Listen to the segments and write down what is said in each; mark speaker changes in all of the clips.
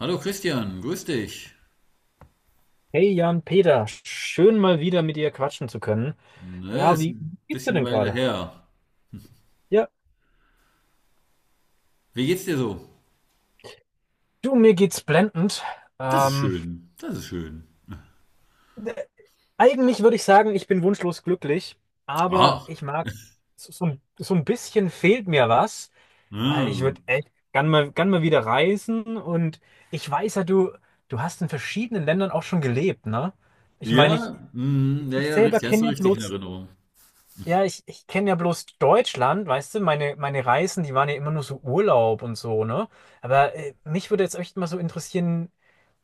Speaker 1: Hallo Christian, grüß dich.
Speaker 2: Hey Jan Peter, schön mal wieder mit dir quatschen zu können.
Speaker 1: Ne,
Speaker 2: Ja,
Speaker 1: ist
Speaker 2: wie
Speaker 1: ein
Speaker 2: geht's dir
Speaker 1: bisschen
Speaker 2: denn
Speaker 1: Weile
Speaker 2: gerade?
Speaker 1: her.
Speaker 2: Ja,
Speaker 1: Wie geht's dir so?
Speaker 2: du, mir geht's blendend.
Speaker 1: Das ist
Speaker 2: Ähm,
Speaker 1: schön, das ist schön.
Speaker 2: d- Eigentlich würde ich sagen, ich bin wunschlos glücklich, aber
Speaker 1: Ach,
Speaker 2: ich mag, so ein bisschen fehlt mir was, weil ich
Speaker 1: ja,
Speaker 2: würde echt gern mal wieder reisen und ich weiß ja, du hast in verschiedenen Ländern auch schon gelebt, ne? Ich meine, ich,
Speaker 1: ja, mm, ja,
Speaker 2: ich
Speaker 1: ja,
Speaker 2: selber
Speaker 1: richtig, hast du
Speaker 2: kenne ja
Speaker 1: richtig in
Speaker 2: bloß.
Speaker 1: Erinnerung.
Speaker 2: Ja, ich kenne ja bloß Deutschland, weißt du, meine Reisen, die waren ja immer nur so Urlaub und so, ne? Aber mich würde jetzt echt mal so interessieren,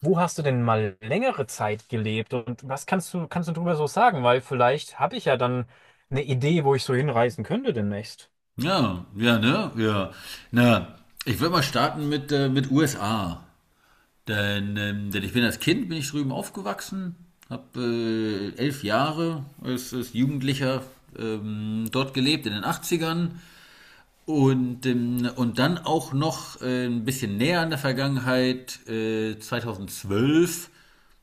Speaker 2: wo hast du denn mal längere Zeit gelebt und was kannst kannst du drüber so sagen? Weil vielleicht habe ich ja dann eine Idee, wo ich so hinreisen könnte demnächst.
Speaker 1: Ja, ja, ne, ja. Na, ich würde mal starten mit USA. Denn, denn ich bin als Kind, bin ich drüben aufgewachsen, habe 11 Jahre als, als Jugendlicher dort gelebt in den 80ern. Und dann auch noch ein bisschen näher an der Vergangenheit, 2012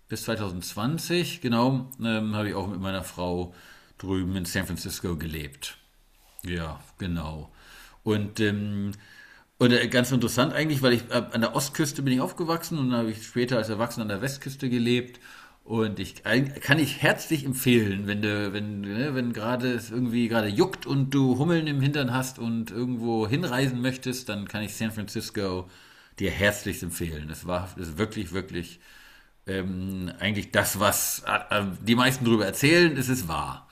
Speaker 1: bis 2020, genau, habe ich auch mit meiner Frau drüben in San Francisco gelebt. Ja, genau. Und, ähm, und ganz interessant eigentlich, weil ich an der Ostküste bin ich aufgewachsen und dann habe ich später als Erwachsener an der Westküste gelebt. Und ich kann ich herzlich empfehlen, wenn du, wenn, ne, wenn gerade es irgendwie gerade juckt und du Hummeln im Hintern hast und irgendwo hinreisen möchtest, dann kann ich San Francisco dir herzlich empfehlen. Es war es ist wirklich, wirklich eigentlich das, was die meisten drüber erzählen, es ist wahr.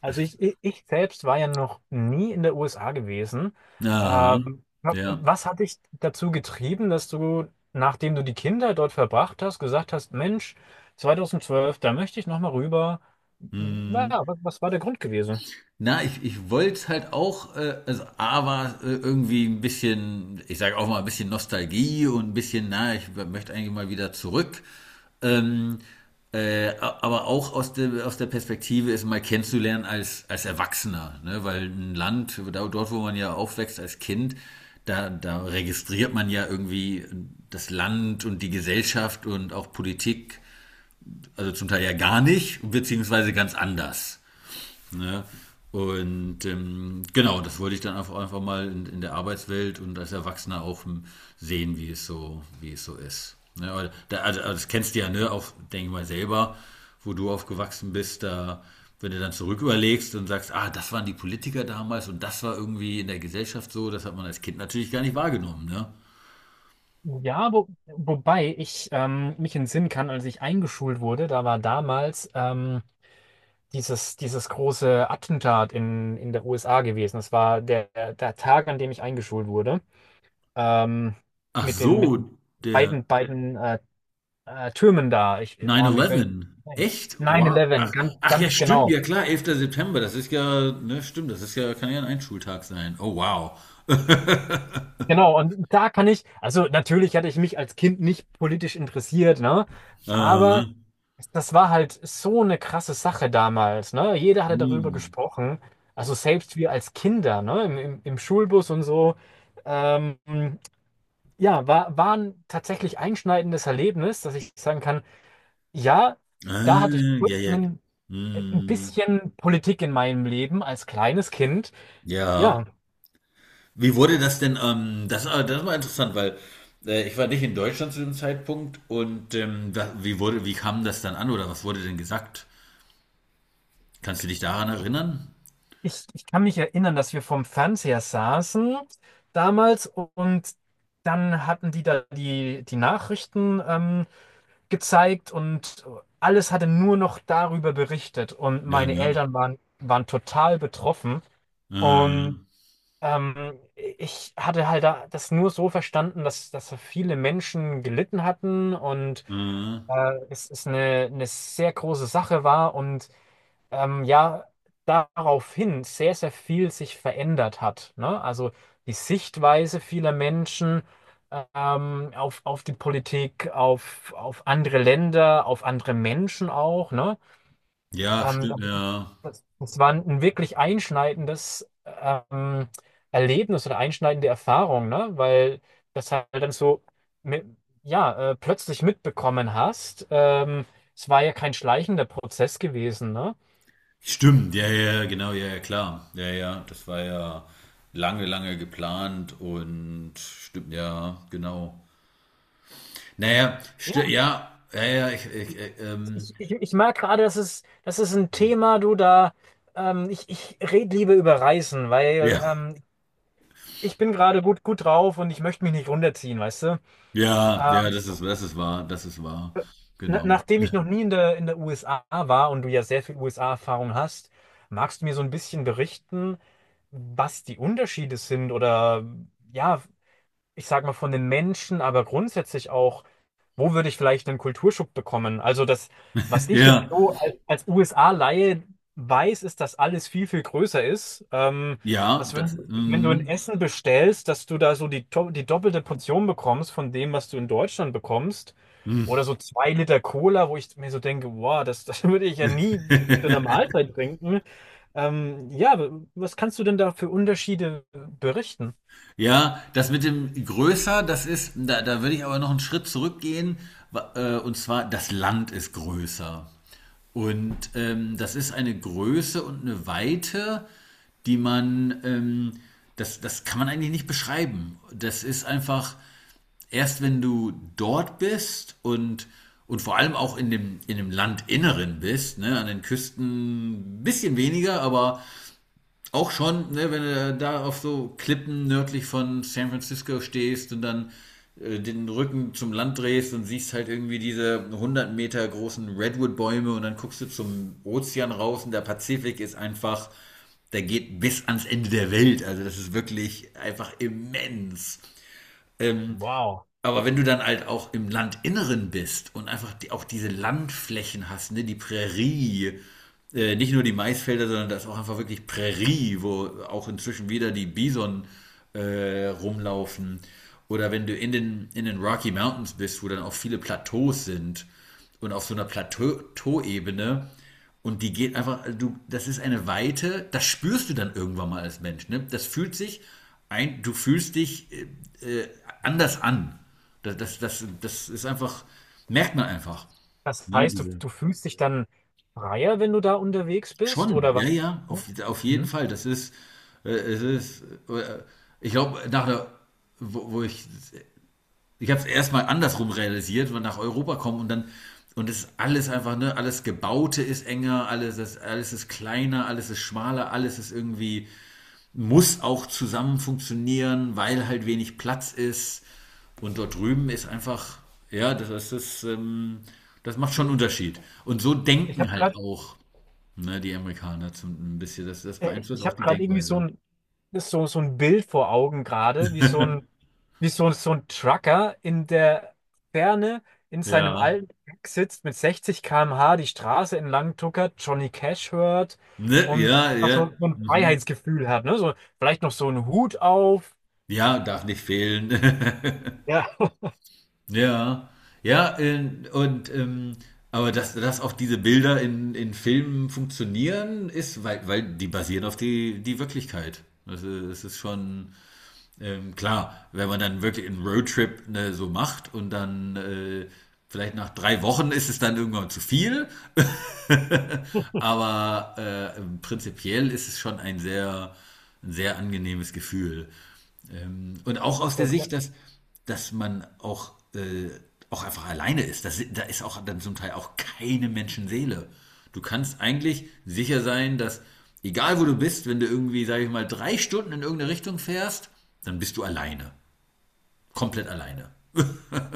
Speaker 2: Also ich selbst war ja noch nie in der USA gewesen.
Speaker 1: Aha. Ja.
Speaker 2: Was hat dich dazu getrieben, dass du, nachdem du die Kinder dort verbracht hast, gesagt hast, Mensch, 2012, da möchte ich nochmal rüber. Ja,
Speaker 1: Mhm.
Speaker 2: was war der Grund gewesen?
Speaker 1: Na, ich wollte es halt auch, also A war irgendwie ein bisschen, ich sage auch mal ein bisschen Nostalgie und ein bisschen, na, ich möchte eigentlich mal wieder zurück. Ähm, äh, aber auch aus der Perspektive, es mal kennenzulernen als, als Erwachsener, ne? Weil ein Land, dort wo man ja aufwächst als Kind, da, da registriert man ja irgendwie das Land und die Gesellschaft und auch Politik, also zum Teil ja gar nicht, beziehungsweise ganz anders. Ne? Und genau, das wollte ich dann einfach, einfach mal in der Arbeitswelt und als Erwachsener auch sehen, wie es so ist. Ne? Also das kennst du ja, ne, auch, denke ich mal, selber, wo du aufgewachsen bist, da, wenn du dann zurück überlegst und sagst, ah, das waren die Politiker damals und das war irgendwie in der Gesellschaft so, das hat man als Kind natürlich gar nicht wahrgenommen, ne?
Speaker 2: Ja, wobei ich mich entsinnen kann, als ich eingeschult wurde, da war damals dieses große Attentat in der USA gewesen. Das war der Tag, an dem ich eingeschult wurde. ähm,
Speaker 1: Ach
Speaker 2: mit mit
Speaker 1: so,
Speaker 2: den
Speaker 1: der,
Speaker 2: beiden Türmen da. Ich, boah, mir
Speaker 1: 9-11.
Speaker 2: fällt
Speaker 1: Echt? Wow.
Speaker 2: 9-11,
Speaker 1: Ach,
Speaker 2: ganz,
Speaker 1: ach ja,
Speaker 2: ganz
Speaker 1: stimmt, ja
Speaker 2: genau.
Speaker 1: klar, Elfter September, das ist ja, ne, stimmt, das ist ja, kann ja ein Einschultag sein. Oh, wow.
Speaker 2: Genau, und da kann ich, also natürlich hatte ich mich als Kind nicht politisch interessiert, ne?
Speaker 1: Aha.
Speaker 2: Aber das war halt so eine krasse Sache damals, ne? Jeder hatte darüber
Speaker 1: Hm.
Speaker 2: gesprochen. Also selbst wir als Kinder, ne? Im Schulbus und so. Ähm, ja, war ein tatsächlich einschneidendes Erlebnis, dass ich sagen kann, ja, da
Speaker 1: Ah,
Speaker 2: hatte ich kurz
Speaker 1: ja, ja.
Speaker 2: einen, ein
Speaker 1: Hm.
Speaker 2: bisschen Politik in meinem Leben als kleines Kind.
Speaker 1: Ja.
Speaker 2: Ja,
Speaker 1: Wie wurde das denn, das, das war interessant, weil ich war nicht in Deutschland zu dem Zeitpunkt und da, wie wurde, wie kam das dann an oder was wurde denn gesagt? Kannst du dich daran erinnern?
Speaker 2: ich kann mich erinnern, dass wir vorm Fernseher saßen damals und dann hatten die da die Nachrichten gezeigt und alles hatte nur noch darüber berichtet und
Speaker 1: Ja,
Speaker 2: meine
Speaker 1: ne?
Speaker 2: Eltern waren total betroffen
Speaker 1: Äh,
Speaker 2: und ich hatte halt da das nur so verstanden, dass so viele Menschen gelitten hatten und
Speaker 1: äh,
Speaker 2: es ist eine sehr große Sache war und ja, daraufhin sehr, sehr viel sich verändert hat. Ne? Also die Sichtweise vieler Menschen auf die Politik, auf andere Länder, auf andere Menschen auch. Ne?
Speaker 1: ja,
Speaker 2: Ähm,
Speaker 1: stimmt, ja.
Speaker 2: Das war ein wirklich einschneidendes Erlebnis oder einschneidende Erfahrung, ne? Weil das halt dann so mit, ja, plötzlich mitbekommen hast. Es war ja kein schleichender Prozess gewesen, ne?
Speaker 1: Stimmt, ja, ja, ja, genau, ja, ja, klar. Ja, ja, das war ja lange, lange geplant und stimmt, ja, genau. Naja,
Speaker 2: Ja,
Speaker 1: ja, ja, ja,
Speaker 2: ich merke gerade, das ist ein Thema, du da, ich rede lieber über Reisen, weil
Speaker 1: ja,
Speaker 2: ich bin gerade gut drauf und ich möchte mich nicht runterziehen, weißt du?
Speaker 1: ja, ja, das ist wahr,
Speaker 2: Na,
Speaker 1: genau.
Speaker 2: nachdem ich noch nie in der USA war und du ja sehr viel USA-Erfahrung hast, magst du mir so ein bisschen berichten, was die Unterschiede sind oder ja, ich sag mal von den Menschen, aber grundsätzlich auch wo würde ich vielleicht einen Kulturschock bekommen? Also das, was ich jetzt
Speaker 1: Ja,
Speaker 2: so als, als USA-Laie weiß, ist, dass alles viel, viel größer ist.
Speaker 1: ja,
Speaker 2: Dass
Speaker 1: das,
Speaker 2: wenn, Wenn du ein
Speaker 1: mm,
Speaker 2: Essen bestellst, dass du da so die doppelte Portion bekommst von dem, was du in Deutschland bekommst. Oder
Speaker 1: mm.
Speaker 2: so zwei Liter Cola, wo ich mir so denke, wow, das würde ich ja nie zu einer Mahlzeit trinken. Ja, was kannst du denn da für Unterschiede berichten?
Speaker 1: Ja, das mit dem größer, das ist, da, da würde ich aber noch einen Schritt zurückgehen, und zwar, das Land ist größer. Und das ist eine Größe und eine Weite, die man, das, das kann man eigentlich nicht beschreiben. Das ist einfach, erst wenn du dort bist und vor allem auch in dem Landinneren bist, ne, an den Küsten ein bisschen weniger, aber auch schon, ne, wenn du da auf so Klippen nördlich von San Francisco stehst und dann den Rücken zum Land drehst und siehst halt irgendwie diese 100 Meter großen Redwood-Bäume und dann guckst du zum Ozean raus und der Pazifik ist einfach, der geht bis ans Ende der Welt. Also das ist wirklich einfach immens.
Speaker 2: Wow.
Speaker 1: Aber wenn du dann halt auch im Landinneren bist und einfach die, auch diese Landflächen hast, ne, die Prärie, nicht nur die Maisfelder, sondern da ist auch einfach wirklich Prärie, wo auch inzwischen wieder die Bison rumlaufen. Oder wenn du in den Rocky Mountains bist, wo dann auch viele Plateaus sind und auf so einer Plateauebene. Und die geht einfach, also du, das ist eine Weite, das spürst du dann irgendwann mal als Mensch. Ne? Das fühlt sich ein, du fühlst dich äh, anders an. Das, das, das, das ist einfach, merkt man einfach.
Speaker 2: Das
Speaker 1: Ne?
Speaker 2: heißt,
Speaker 1: Diese.
Speaker 2: du fühlst dich dann freier, wenn du da unterwegs bist,
Speaker 1: Schon,
Speaker 2: oder was?
Speaker 1: ja, ja, auf jeden
Speaker 2: Mhm.
Speaker 1: Fall. Das ist, es ist, äh, ich glaube, nach der, wo, wo ich ich habe es erstmal andersrum realisiert, wenn wir nach Europa kommen und dann und es ist alles einfach, ne, alles Gebaute ist enger, alles ist kleiner, alles ist schmaler, alles ist irgendwie, muss auch zusammen funktionieren, weil halt wenig Platz ist. Und dort drüben ist einfach, ja, das ist das, das macht schon einen
Speaker 2: Ich,
Speaker 1: Unterschied. Und so
Speaker 2: ich
Speaker 1: denken
Speaker 2: habe
Speaker 1: halt
Speaker 2: gerade,
Speaker 1: auch, ne, die Amerikaner zum, ein bisschen, das, das beeinflusst
Speaker 2: Ich
Speaker 1: auch
Speaker 2: habe
Speaker 1: die
Speaker 2: gerade irgendwie so
Speaker 1: Denkweise.
Speaker 2: ein, so ein Bild vor Augen gerade, wie so ein, wie so ein Trucker in der Ferne in seinem
Speaker 1: Ja.
Speaker 2: alten Truck sitzt mit 60 km/h die Straße entlang tuckert, Johnny Cash hört
Speaker 1: Ne,
Speaker 2: und
Speaker 1: ja,
Speaker 2: einfach
Speaker 1: ja.
Speaker 2: so, so ein
Speaker 1: Mhm.
Speaker 2: Freiheitsgefühl hat, ne? So, vielleicht noch so einen Hut auf.
Speaker 1: Ja, darf nicht fehlen.
Speaker 2: Ja.
Speaker 1: Ja, ja, und aber dass, dass auch diese Bilder in Filmen funktionieren, ist, weil, weil die basieren auf die, die Wirklichkeit. Also es ist schon klar, wenn man dann wirklich einen Roadtrip ne, so macht und dann vielleicht nach 3 Wochen ist es dann irgendwann zu viel, aber prinzipiell ist es schon ein sehr angenehmes Gefühl. Und auch aus der
Speaker 2: Der, der,
Speaker 1: Sicht, dass, dass man auch, auch einfach alleine ist. Das, da ist auch dann zum Teil auch keine Menschenseele. Du kannst eigentlich sicher sein, dass egal wo du bist, wenn du irgendwie, sage ich mal, 3 Stunden in irgendeine Richtung fährst, dann bist du alleine. Komplett alleine.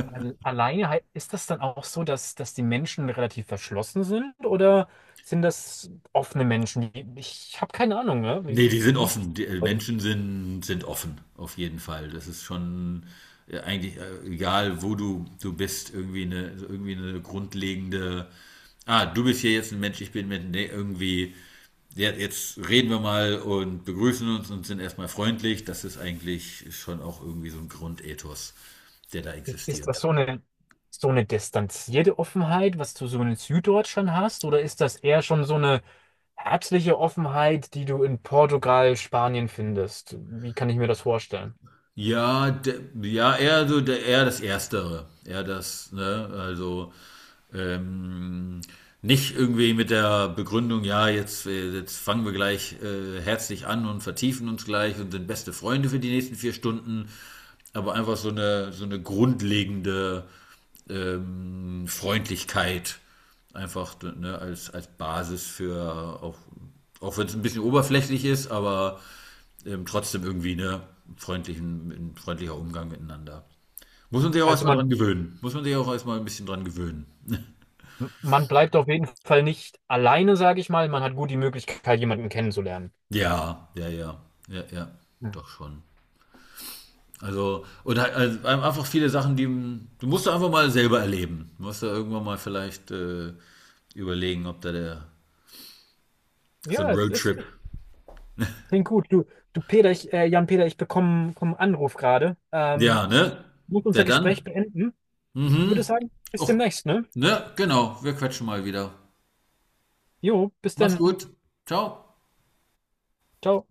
Speaker 2: Alleine ist das dann auch so, dass, dass die Menschen relativ verschlossen sind oder sind das offene Menschen? Die- Ich habe keine Ahnung, ne?
Speaker 1: Ne, die sind
Speaker 2: Wie ist,
Speaker 1: offen. Die Menschen sind offen, auf jeden Fall. Das ist schon, eigentlich, egal wo du bist, irgendwie eine grundlegende: „Ah, du bist hier jetzt ein Mensch, ich bin 'n Mensch.“ Ne, irgendwie: „Ja, jetzt reden wir mal und begrüßen uns und sind erstmal freundlich.“ Das ist eigentlich schon auch irgendwie so ein Grundethos, der da
Speaker 2: ist, ist das
Speaker 1: existiert.
Speaker 2: so eine distanzierte Offenheit, was du so in Süddeutschland hast, oder ist das eher schon so eine herzliche Offenheit, die du in Portugal, Spanien findest? Wie kann ich mir das vorstellen?
Speaker 1: Ja, de, ja, eher so der, eher das Erstere. Eher das, ne? Also ähm, nicht irgendwie mit der Begründung, ja, jetzt, jetzt fangen wir gleich herzlich an und vertiefen uns gleich und sind beste Freunde für die nächsten 4 Stunden, aber einfach so eine grundlegende Freundlichkeit einfach ne, als, als Basis für, auch, auch wenn es ein bisschen oberflächlich ist, aber trotzdem irgendwie ne, freundlichen, ein freundlicher Umgang miteinander. Muss man sich auch
Speaker 2: Also
Speaker 1: erstmal
Speaker 2: man,
Speaker 1: dran gewöhnen. Muss man sich auch erstmal ein bisschen dran gewöhnen.
Speaker 2: man bleibt auf jeden Fall nicht alleine, sage ich mal. Man hat gut die Möglichkeit, jemanden kennenzulernen.
Speaker 1: Ja, ja, ja. Ja, ja. Doch schon. Also, und halt, also einfach viele Sachen, die du musst da einfach mal selber erleben. Du musst da irgendwann mal vielleicht überlegen, ob da der so ein
Speaker 2: Ja, es ist.
Speaker 1: Roadtrip.
Speaker 2: Klingt gut. Jan Peter, ich bekomme einen Anruf gerade.
Speaker 1: Ja,
Speaker 2: Ich
Speaker 1: ne?
Speaker 2: muss
Speaker 1: Der
Speaker 2: unser Gespräch
Speaker 1: dann?
Speaker 2: beenden.
Speaker 1: Mhm.
Speaker 2: Würde sagen, bis
Speaker 1: Och,
Speaker 2: demnächst, ne?
Speaker 1: ne? Genau. Wir quatschen mal wieder.
Speaker 2: Jo, bis
Speaker 1: Mach's
Speaker 2: dann.
Speaker 1: gut. Ciao.
Speaker 2: Ciao.